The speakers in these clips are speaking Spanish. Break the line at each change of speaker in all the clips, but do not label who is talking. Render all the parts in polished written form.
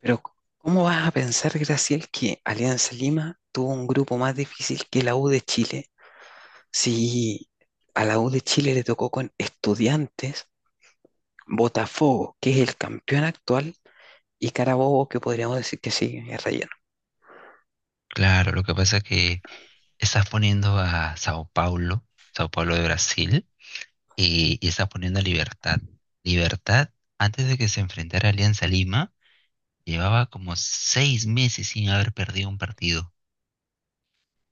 Pero, ¿cómo vas a pensar, Graciel, que Alianza Lima tuvo un grupo más difícil que la U de Chile? Si a la U de Chile le tocó con Estudiantes, Botafogo, que es el campeón actual, y Carabobo, que podríamos decir que sí, es relleno.
Claro, lo que pasa es que estás poniendo a Sao Paulo, Sao Paulo de Brasil, y estás poniendo a Libertad. Libertad, antes de que se enfrentara a Alianza Lima, llevaba como 6 meses sin haber perdido un partido.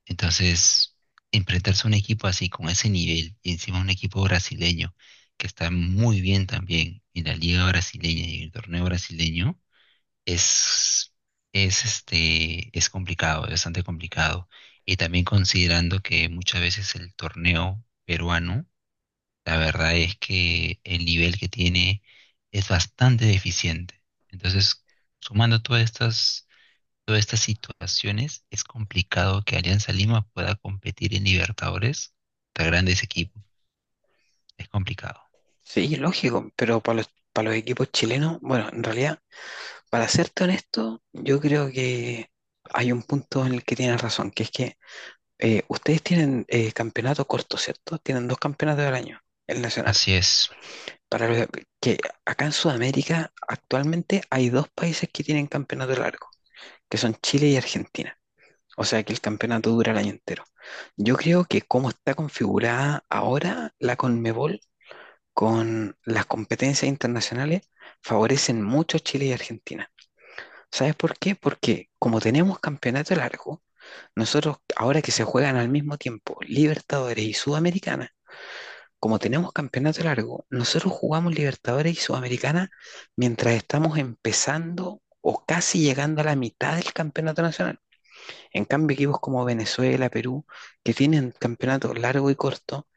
Entonces, enfrentarse a un equipo así, con ese nivel, y encima un equipo brasileño, que está muy bien también en la liga brasileña y en el torneo brasileño, es, es complicado, es bastante complicado. Y también considerando que muchas veces el torneo peruano, la verdad es que el nivel que tiene es bastante deficiente. Entonces, sumando todas estas situaciones, es complicado que Alianza Lima pueda competir en Libertadores contra grandes equipos. Es complicado.
Sí, lógico, pero para los equipos chilenos, bueno, en realidad, para serte honesto, yo creo que hay un punto en el que tienes razón, que es que ustedes tienen campeonato corto, ¿cierto? Tienen dos campeonatos al año, el nacional.
Así es.
Para lo que acá en Sudamérica actualmente hay dos países que tienen campeonato largo, que son Chile y Argentina. O sea que el campeonato dura el año entero. Yo creo que como está configurada ahora la Conmebol con las competencias internacionales, favorecen mucho a Chile y Argentina. ¿Sabes por qué? Porque como tenemos campeonato largo, nosotros ahora que se juegan al mismo tiempo Libertadores y Sudamericana, como tenemos campeonato largo, nosotros jugamos Libertadores y Sudamericana mientras estamos empezando o casi llegando a la mitad del campeonato nacional. En cambio, equipos como Venezuela, Perú, que tienen campeonato largo y corto,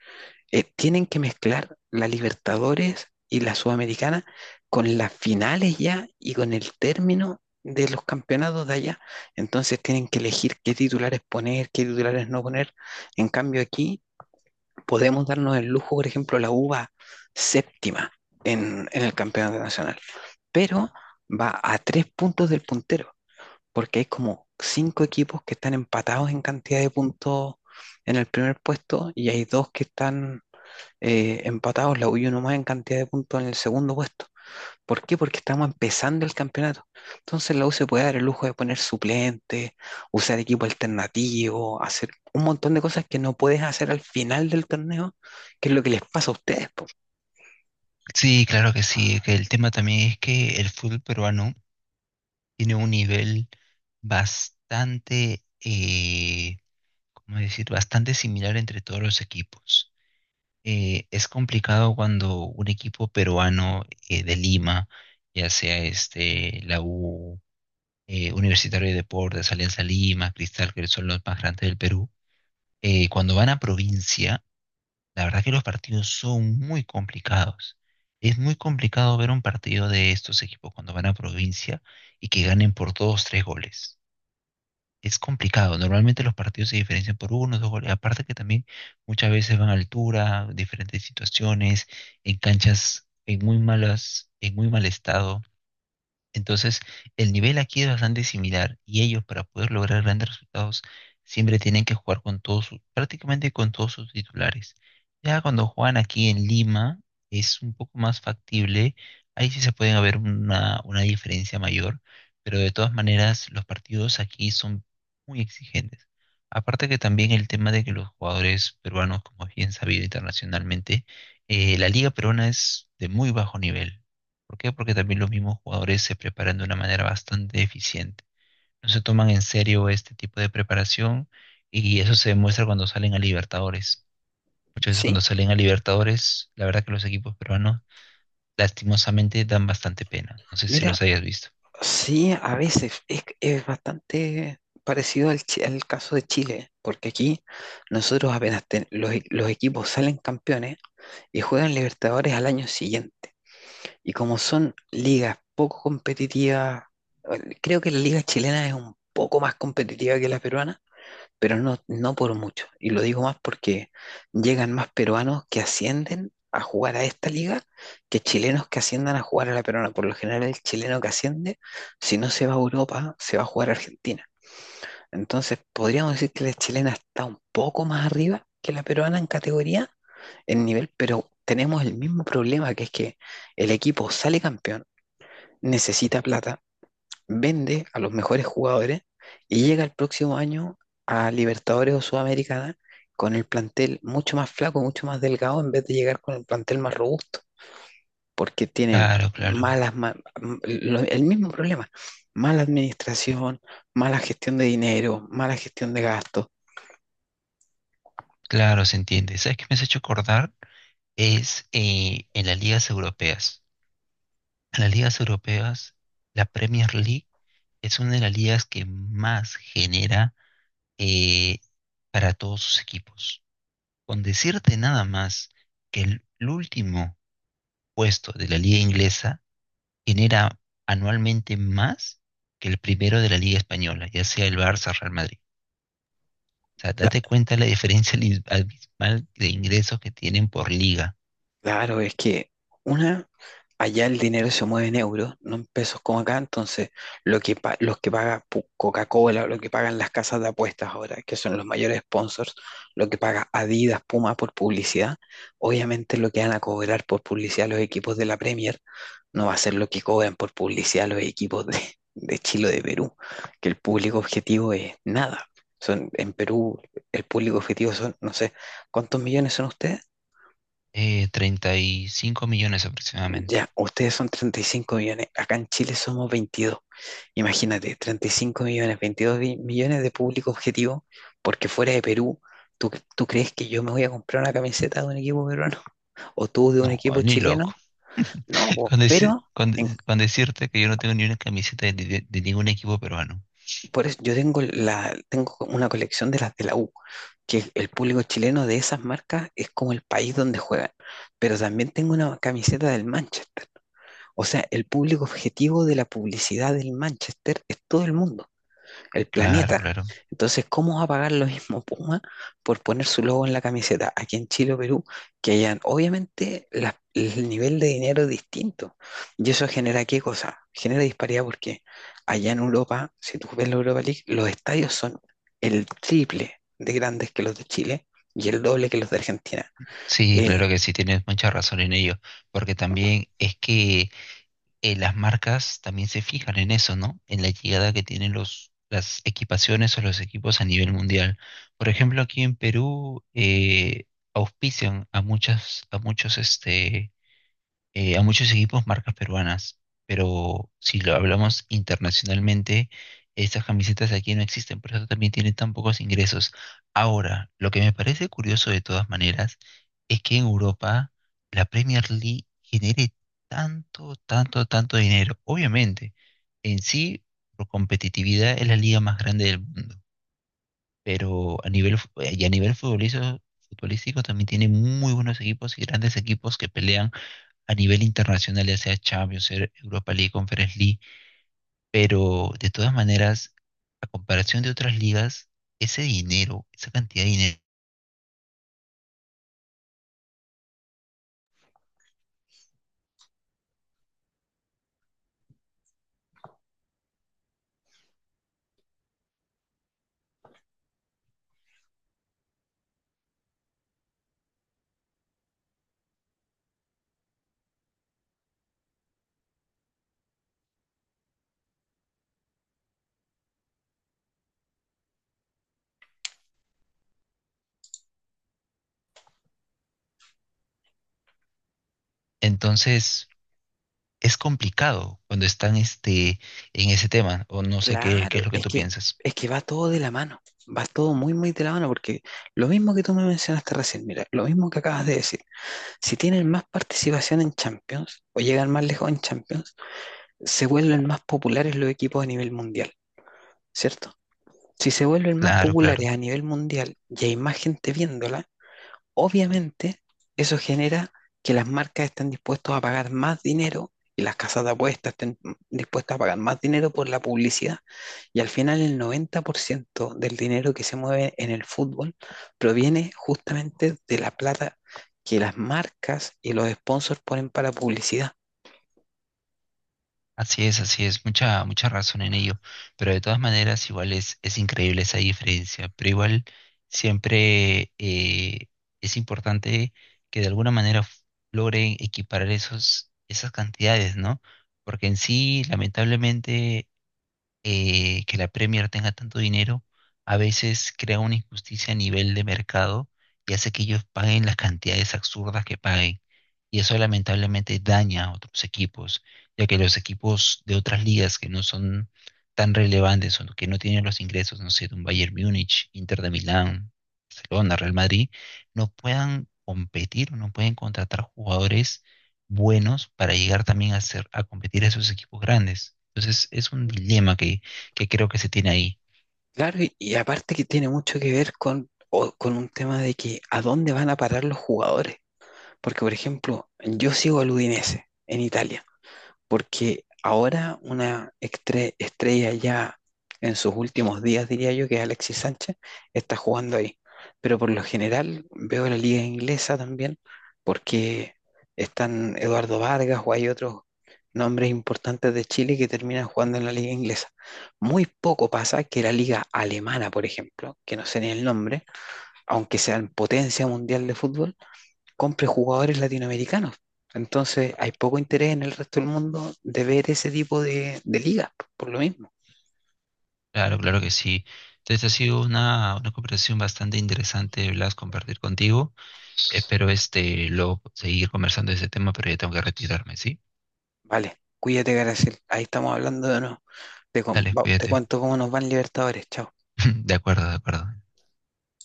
tienen que mezclar la Libertadores y la Sudamericana con las finales ya y con el término de los campeonatos de allá. Entonces tienen que elegir qué titulares poner, qué titulares no poner. En cambio aquí podemos darnos el lujo, por ejemplo, la uva séptima en el campeonato nacional, pero va a tres puntos del puntero, porque hay como cinco equipos que están empatados en cantidad de puntos en el primer puesto y hay dos que están empatados, la U y uno más en cantidad de puntos en el segundo puesto. ¿Por qué? Porque estamos empezando el campeonato. Entonces la U se puede dar el lujo de poner suplentes, usar equipo alternativo, hacer un montón de cosas que no puedes hacer al final del torneo, que es lo que les pasa a ustedes, po.
Sí, claro que sí. Que el tema también es que el fútbol peruano tiene un nivel bastante, ¿cómo decir? Bastante similar entre todos los equipos. Es complicado cuando un equipo peruano de Lima, ya sea este, la U, Universitario de Deportes, Alianza Lima, Cristal, que son los más grandes del Perú, cuando van a provincia, la verdad que los partidos son muy complicados. Es muy complicado ver un partido de estos equipos cuando van a provincia y que ganen por dos, tres goles. Es complicado. Normalmente los partidos se diferencian por uno, dos goles. Aparte que también muchas veces van a altura, diferentes situaciones, en canchas en muy malas, en muy mal estado. Entonces, el nivel aquí es bastante similar y ellos para poder lograr grandes resultados siempre tienen que jugar con todos, prácticamente con todos sus titulares. Ya cuando juegan aquí en Lima es un poco más factible, ahí sí se pueden haber una diferencia mayor, pero de todas maneras los partidos aquí son muy exigentes. Aparte que también el tema de que los jugadores peruanos, como es bien sabido internacionalmente, la liga peruana es de muy bajo nivel. ¿Por qué? Porque también los mismos jugadores se preparan de una manera bastante eficiente. No se toman en serio este tipo de preparación y eso se demuestra cuando salen a Libertadores. Muchas veces cuando
¿Sí?
salen a Libertadores, la verdad que los equipos peruanos lastimosamente dan bastante pena. No sé si
Mira,
los hayas visto.
sí, a veces es bastante parecido al caso de Chile, porque aquí nosotros los equipos salen campeones y juegan Libertadores al año siguiente. Y como son ligas poco competitivas, creo que la liga chilena es un poco más competitiva que la peruana, pero no, no por mucho. Y lo digo más porque llegan más peruanos que ascienden a jugar a esta liga que chilenos que asciendan a jugar a la peruana. Por lo general, el chileno que asciende, si no se va a Europa, se va a jugar a Argentina. Entonces, podríamos decir que la chilena está un poco más arriba que la peruana en categoría, en nivel, pero tenemos el mismo problema, que es que el equipo sale campeón, necesita plata, vende a los mejores jugadores y llega el próximo año a Libertadores o Sudamericana con el plantel mucho más flaco, mucho más delgado, en vez de llegar con el plantel más robusto, porque tienen
Claro, claro,
malas, ma- m- lo- el mismo problema, mala administración, mala gestión de dinero, mala gestión de gastos.
claro, se entiende. ¿Sabes qué me has hecho acordar? Es en las ligas europeas. En las ligas europeas, la Premier League es una de las ligas que más genera eh, para todos sus equipos. Con decirte nada más que el último puesto de la liga inglesa genera anualmente más que el primero de la liga española, ya sea el Barça o Real Madrid. O sea,
La-
date cuenta la diferencia abismal de ingresos que tienen por liga.
claro, es que una Allá el dinero se mueve en euros, no en pesos como acá, entonces lo que pa- los que paga pu- Coca-Cola, lo que pagan las casas de apuestas ahora, que son los mayores sponsors, lo que paga Adidas, Puma por publicidad, obviamente lo que van a cobrar por publicidad los equipos de la Premier no va a ser lo que cobran por publicidad los equipos de Chile o de Perú, que el público objetivo es nada. Son, en Perú el público objetivo son, no sé, ¿cuántos millones son ustedes?
35 millones aproximadamente.
Ya, ustedes son 35 millones, acá en Chile somos 22. Imagínate, 35 millones, 22 millones de público objetivo, porque fuera de Perú, ¿tú, tú crees que yo me voy a comprar una camiseta de un equipo peruano o tú de un
No,
equipo
ni
chileno?
loco.
No, po,
Con, deci-
pero en-
con- con decirte que yo no tengo ni una camiseta de ningún equipo peruano.
por eso yo tengo, la, tengo una colección de las de la U, que el público chileno de esas marcas es como el país donde juegan, pero también tengo una camiseta del Manchester. O sea, el público objetivo de la publicidad del Manchester es todo el mundo. El
Claro,
planeta.
claro.
Entonces, ¿cómo va a pagar lo mismo Puma por poner su logo en la camiseta aquí en Chile o Perú que allá? Obviamente, el nivel de dinero es distinto. ¿Y eso genera qué cosa? Genera disparidad porque allá en Europa, si tú ves la Europa League, los estadios son el triple de grandes que los de Chile y el doble que los de Argentina.
Sí, claro
Eh,
que sí, tienes mucha razón en ello, porque también es que las marcas también se fijan en eso, ¿no? En la llegada que tienen los, las equipaciones o los equipos a nivel mundial. Por ejemplo, aquí en Perú auspician a muchas, a muchos este, a muchos equipos marcas peruanas, pero si lo hablamos internacionalmente, estas camisetas aquí no existen, por eso también tienen tan pocos ingresos. Ahora, lo que me parece curioso de todas maneras es que en Europa la Premier League genere tanto, tanto, tanto dinero. Obviamente, en sí, por competitividad es la liga más grande del mundo, pero a nivel, fu- y a nivel futbolístico, futbolístico también tiene muy buenos equipos y grandes equipos que pelean a nivel internacional, ya sea Champions, Europa League, Conference League, pero de todas maneras, a comparación de otras ligas, ese dinero, esa cantidad de dinero, entonces es complicado cuando están este, en ese tema, o no sé qué
claro,
es lo que
es
tú
que,
piensas.
es que va todo de la mano. Va todo muy, muy de la mano porque lo mismo que tú me mencionaste recién, mira, lo mismo que acabas de decir. Si tienen más participación en Champions o llegan más lejos en Champions, se vuelven más populares los equipos a nivel mundial, ¿cierto? Si se vuelven más
Claro,
populares
claro.
a nivel mundial y hay más gente viéndola, obviamente, eso genera que las marcas estén dispuestas a pagar más dinero y las casas de apuestas estén dispuestas a pagar más dinero por la publicidad. Y al final el 90% del dinero que se mueve en el fútbol proviene justamente de la plata que las marcas y los sponsors ponen para publicidad.
Así es, mucha, mucha razón en ello, pero de todas maneras igual es increíble esa diferencia, pero igual siempre es importante que de alguna manera logren equiparar esos, esas cantidades, ¿no? Porque en sí, lamentablemente, que la Premier tenga tanto dinero a veces crea una injusticia a nivel de mercado y hace que ellos paguen las cantidades absurdas que paguen. Y eso lamentablemente daña a otros equipos, ya que los equipos de otras ligas que no son tan relevantes o que no tienen los ingresos, no sé, de un Bayern Múnich, Inter de Milán, Barcelona, Real Madrid, no puedan competir o no pueden contratar jugadores buenos para llegar también a ser, a competir a esos equipos grandes. Entonces es un dilema que creo que se tiene ahí.
Claro, y aparte que tiene mucho que ver con un tema de que a dónde van a parar los jugadores. Porque, por ejemplo, yo sigo al Udinese en Italia porque ahora una estrella ya en sus últimos días, diría yo, que es Alexis Sánchez, está jugando ahí. Pero por lo general veo la liga inglesa también, porque están Eduardo Vargas o hay otros nombres importantes de Chile que terminan jugando en la liga inglesa. Muy poco pasa que la liga alemana, por ejemplo, que no sé ni el nombre, aunque sean potencia mundial de fútbol, compre jugadores latinoamericanos. Entonces hay poco interés en el resto del mundo de ver ese tipo de ligas, por lo mismo.
Claro, claro que sí. Entonces ha sido una conversación bastante interesante, Blas, compartir contigo. Espero este luego seguir conversando de ese tema, pero ya tengo que retirarme, ¿sí?
Vale, cuídate, Garacel. Ahí estamos hablando no,
Dale,
te
cuídate.
cuento cómo nos van Libertadores. Chao.
De acuerdo, de acuerdo.